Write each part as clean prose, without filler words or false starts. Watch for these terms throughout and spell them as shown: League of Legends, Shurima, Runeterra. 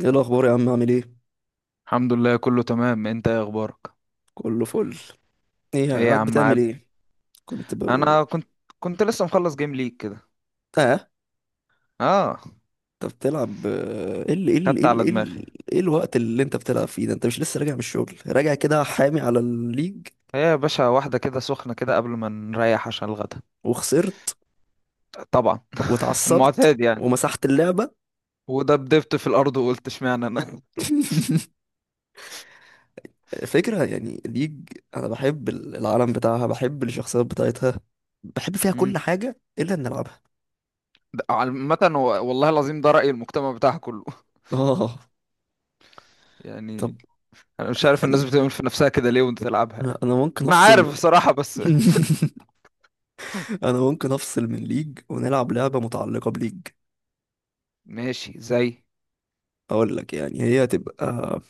ايه الاخبار يا عم؟ عامل ايه؟ الحمد لله، كله تمام. انت ايه اخبارك؟ كله فل. ايه ايه يا قاعد عم بتعمل عاب. ايه؟ كنت ب... انا كنت كنت لسه مخلص جيم ليج كده. اه، اه. انت بتلعب؟ خدت على دماغي. إيه الوقت اللي انت بتلعب فيه ده؟ انت مش لسه راجع من الشغل، راجع كده حامي على الليج؟ ايه يا باشا، واحده كده سخنه كده قبل ما نريح عشان الغدا. وخسرت طبعا. واتعصبت المعتاد يعني. ومسحت اللعبة. ودبدبت في الارض وقلت اشمعنى انا. فكرة يعني ليج، انا بحب العالم بتاعها، بحب الشخصيات بتاعتها، بحب فيها امم. كل حاجة الا ان العبها. ده عامه والله العظيم، ده راي المجتمع بتاعها كله. اه طب، يعني. انا مش عارف الناس يعني بتعمل في نفسها كده ليه وانت تلعبها انا يعني. انا ممكن انا عارف افصل. بصراحه بس. انا ممكن افصل من ليج ونلعب لعبة متعلقة بليج. ماشي زي. اقول لك يعني هي هتبقى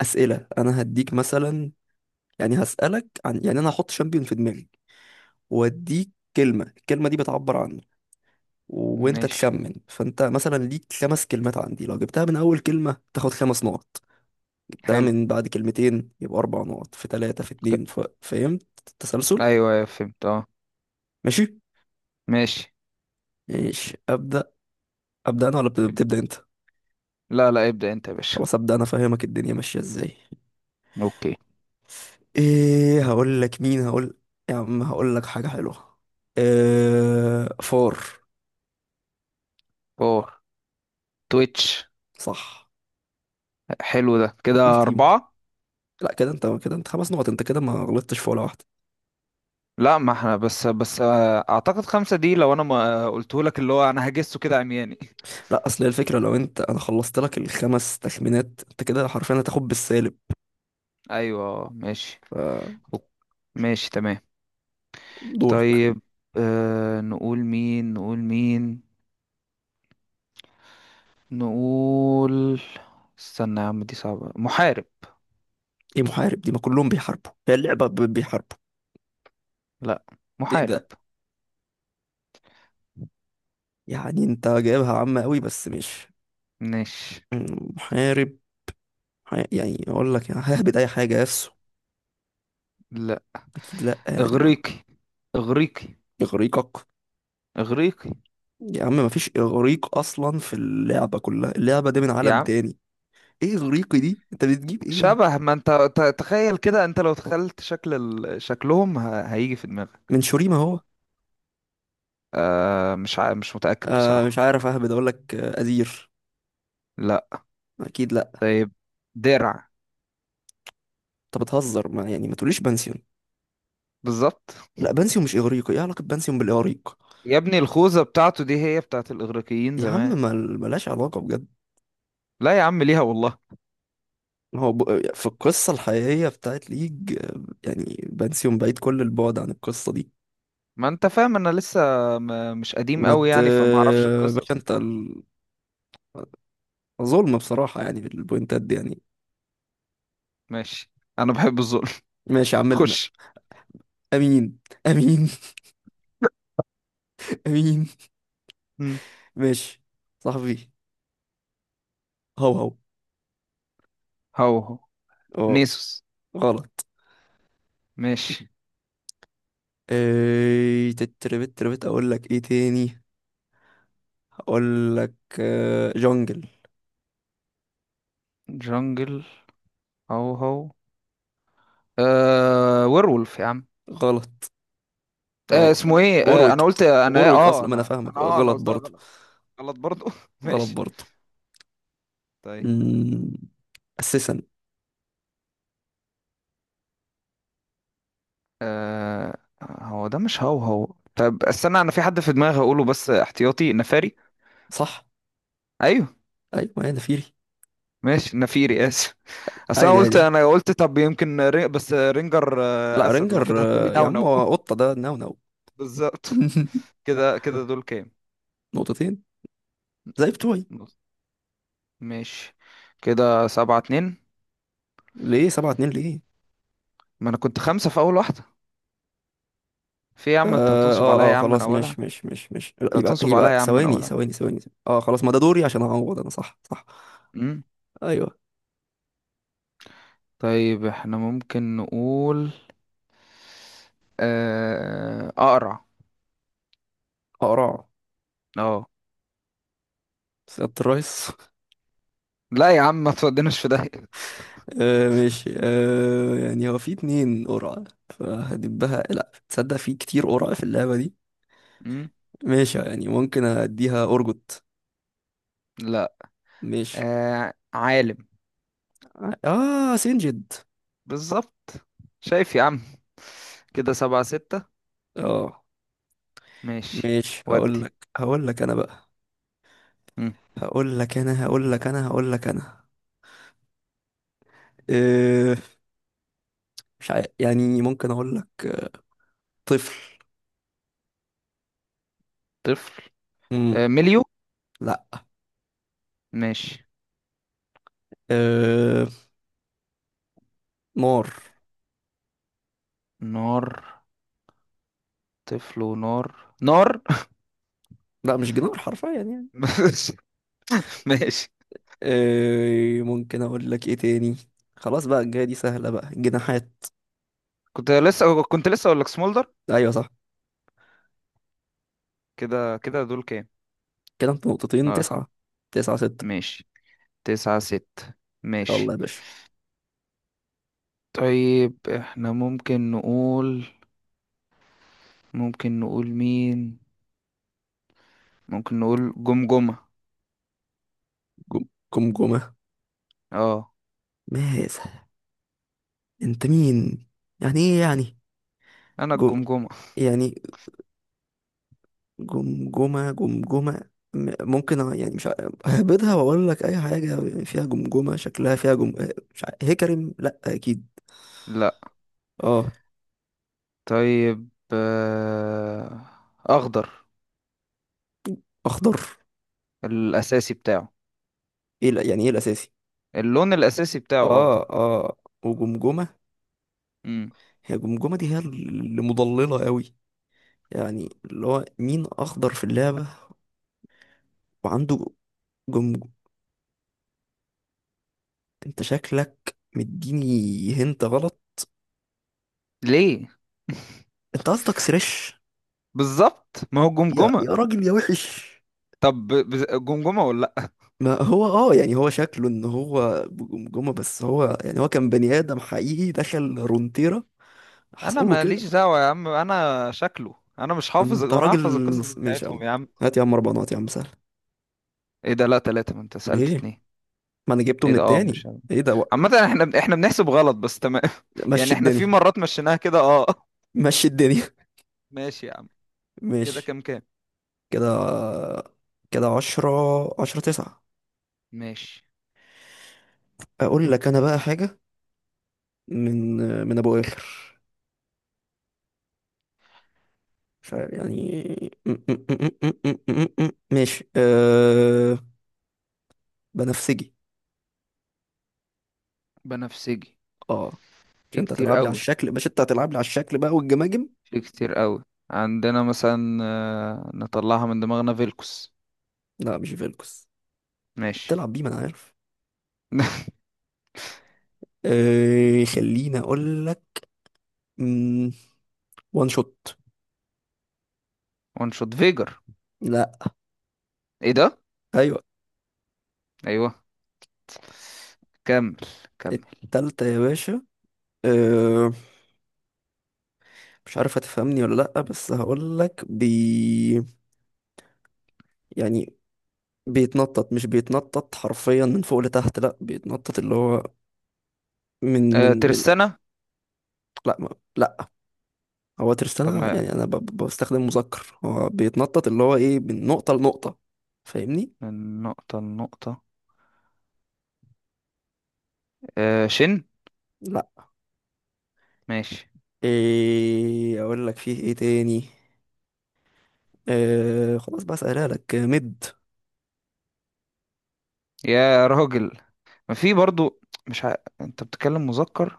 اسئلة، انا هديك مثلا، يعني هسألك عن، يعني انا هحط شامبيون في دماغي واديك كلمة، الكلمة دي بتعبر عنه وانت ماشي. تخمن. فانت مثلا ليك خمس كلمات عندي، لو جبتها من اول كلمة تاخد خمس نقط، جبتها حلو. من بعد كلمتين يبقى اربع نقط، في ثلاثة، في ك- اتنين. فهمت التسلسل؟ ايوه أيوة، فهمت اه. ماشي. ماشي. ماشي، ابدا. ابدا انا ولا بتبدا انت؟ لا لا، ابدأ انت يا باشا. خلاص، ابدا انا، فاهمك الدنيا ماشية ازاي. اوكي. ايه هقول لك؟ مين هقول؟ يا عم هقول لك حاجة حلوة. إيه فار. فور. تويتش. صح. حلو، ده قول كده تيم. 4. لا، كده انت، كده انت خمس نقط، انت كده ما غلطتش في ولا واحدة. لا، ما احنا بس أعتقد 5 دي لو أنا ما قلته لك، اللي هو أنا هجسه كده عمياني. لا، اصل هي الفكرة لو انت، انا خلصت لك الخمس تخمينات انت كده حرفيا هتاخد بالسالب. أيوة اه، ماشي. ف- أوك- ماشي تمام. دورك. طيب. نقول مين، نقول مين. نقول. استنى يا عم، دي صعبة. محارب. ايه محارب دي؟ ما كلهم بيحاربوا، هي اللعبة بيحاربوا. لا. ايه محارب. ده؟ يعني انت جايبها عامة قوي، بس مش. ماشي. مم، محارب. يعني اقول لك يعني ههبد اي حاجة. يسو؟ لا. اكيد لا. يعني ما. إغريقي. إغريقي. اغريقك؟ إغريقي. يا عم مفيش اغريق اصلا في اللعبه كلها، اللعبه دي من يا عالم عم، تاني. ايه اغريقي دي؟ انت بتجيب ايه؟ شبه، ما انت تخيل كده، انت لو تخيلت شكل شكلهم هيجي في دماغك. من شوريما هو؟ مش متأكد آه مش بصراحة. عارف، اهبد اقول لك. ازير؟ لا. اكيد لا. طيب. درع. انت بتهزر، ما يعني ما تقوليش بنسيون. بالظبط. لا بنسيون مش اغريقي، ايه علاقه بنسيون بالاغريق؟ يا ابني، الخوذة بتاعته دي هي بتاعت الإغريقيين يا عم زمان. ملهاش علاقه بجد. لا يا عم، ليها والله. هو ب... في القصه الحقيقيه بتاعت ليج، يعني بنسيون بعيد كل البعد عن القصه دي. ما انت فاهم، انا لسه مش قديم ما قوي ت يعني فما اعرفش باشا القصص. انت ظلم بصراحه، يعني بالبوينتات دي يعني. ماشي. انا بحب الظلم. ماشي يا عم. خش. امين. امين. امين. مم. ماشي. صاحبي. هو هو. هو هو. اه. نيسوس. غلط. ماشي. ايه تتربت تربت، اقول لك ايه تاني. اقول لك. جونجل. جنجل. هو هو. ويرولف يا عم. غلط. اسمه اه ايه؟ انا وورويك. قلت انا ايه وورويك اه اصلا، ما انا فاهمك. انا غلط قلتها برضه. غلط. غلط برضو. غلط ماشي. برضه. طيب. أمم، اساسا. آه هو ده مش هو هو. طب استنى، انا في حد في دماغي هقوله بس احتياطي نفاري. صح. ايوه. ايوه انا فيري. ماشي نفيري اسف. اصل انا عادي قلت عادي. انا قلت طب يمكن بس رينجر لا اسد، لو كده رينجر. هتقولي يا نو عم نو. هو قطه ده، نو نو. بالظبط. كده كده دول كام. نقطتين زي بتوعي. نص. ماشي. كده 7-2. ليه 7-2 ليه؟ ما انا كنت 5 في اول واحدة. في إيه يا عم؟ انت اه هتنصب عليا اه. يا عم من خلاص، اولها. مش لا، انت يبقى هتنصب عليا يبقى يا عم من ثواني اولها. ثواني ثواني. ثواني. اه خلاص، ما ده دوري عشان اعوض انا. صح صح. امم. ايوه. طيب، احنا ممكن نقول اقرع. قرع. اه. سيادة الرئيس. لا يا عم، ما تودناش في ده. آه ماشي. آه يعني هو في اتنين قرع، فهدبها لا تصدق، في كتير قرع في اللعبة دي. مم؟ ماشي، يعني ممكن اديها ارجوت. لا. ماشي. عالم. اه سنجد. بالظبط. شايف يا عم، كده 7-6. اه. ماشي. ماشي، هقول ودي. لك هقول لك انا بقى، مم. هقول لك انا هقول لك انا هقول لك انا. آه. مش عارف يعني، ممكن اقول لك طفل. طفل. مم. مليو. لا. ماشي. أه... نار. نار. طفل ونار. نار. لا مش جنار حرفيا يعني. ماشي. ماشي. أه... ممكن اقول لك ايه تاني. خلاص بقى، الجاية دي سهلة بقى، جناحات. كنت لسه اقول لك سمولدر. ايوه صح. كده كده دول كام. كده انت نقطتين اه. تسعة. 9-6. ماشي. 9-6. يلا ماشي. يا باشا. طيب، احنا ممكن نقول. ممكن نقول مين. ممكن نقول جمجمة. جم جمجمة. اه. ماذا؟ انت مين؟ يعني ايه يعني؟ انا جم الجمجمة. يعني جمجمة، ممكن يعني مش ع- ههبدها واقول لك اي حاجة فيها جمجمة، شكلها فيها مش ع- هكرم، لا اكيد. لا. اه طيب، اخضر. اخضر. الاساسي بتاعه ايه يعني ايه الاساسي؟ اللون الاساسي بتاعه اه اخضر. اه وجمجمة. مم. هي جمجمة دي هي اللي مضللة قوي، يعني اللي هو مين اخضر في اللعبة وعنده جمجم. انت شكلك مديني، هنت غلط. ليه؟ انت قصدك سريش؟ بالظبط، ما هو يا يا جمجمة. راجل يا وحش. طب جمجمة ولا لا. ما هو اه، يعني هو شكله ان هو بجمجمة، بس هو يعني هو كان بني ادم حقيقي دخل رونتيرا، انا حصل له ماليش كده. دعوة يا عم، انا شكله، انا مش حافظ، انت وانا راجل. هحفظ القصص ماشي يا بتاعتهم عم، يا عم. هات يا عم اربعة نقط يا عم سهل. ايه ده؟ لا 3، ما انت سألت ليه؟ 2. ما انا جبته ايه من ده اه، التاني. مش. ايه ده عامة احنا بنحسب غلط بس تمام. يعني مشي احنا في الدنيا. مرات مشيناها كده اه. مشي الدنيا. ماشي يا عم. كده ماشي. كام كام؟ كده. كده عشرة. 10-9. ماشي. أقول لك أنا بقى حاجة. من. من أبو آخر، مش عارف يعني ماشي. أه... بنفسجي. بنفسجي. اه، مش في انت كتير هتلعب لي على قوي. الشكل، مش انت هتلعب لي على الشكل بقى والجماجم. في كتير قوي. عندنا مثلا، نطلعها من دماغنا، فيلكوس. لا مش فيلكس، ماشي. بتلعب بيه ما انا عارف. أه... خليني اقول لك. مم، وان شوت. ونشوط فيجر. لا. ايه ده؟ ايوه. ايوه. كمل. كمل. التالتة يا باشا. آه، مش عارف هتفهمني ولا لأ، بس هقولك بي. يعني بيتنطط، مش بيتنطط حرفيا من فوق لتحت لأ، بيتنطط اللي هو من من من ترسانة. لأ ما، لأ. هو طب ترستانا، ما، يعني أنا بستخدم مذكر، هو بيتنطط اللي هو إيه، من نقطة لنقطة. فاهمني؟ من نقطة لنقطة. شن. لأ. ماشي. إيه أقولك فيه إيه تاني؟ آه خلاص بقى، سألها لك مد. يا راجل، ما في برضو، مش ع... انت بتتكلم مذكر.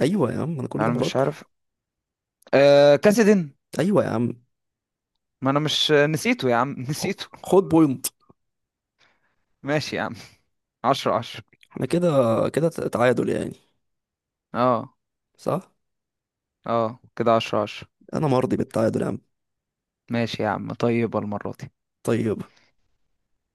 أيوة يا عم أنا كل ده انا مش مذكر. عارف. كاسدين. أيوة يا عم. ما انا مش نسيته يا عم، خ- نسيته. خد بوينت. ماشي يا عم. 10-10. احنا كده، كده تعادل يعني. اه صح؟ اه، كده 10-10. أنا مرضي بالتعادل يا عم. ماشي يا عم. طيبة المرة دي. طيب.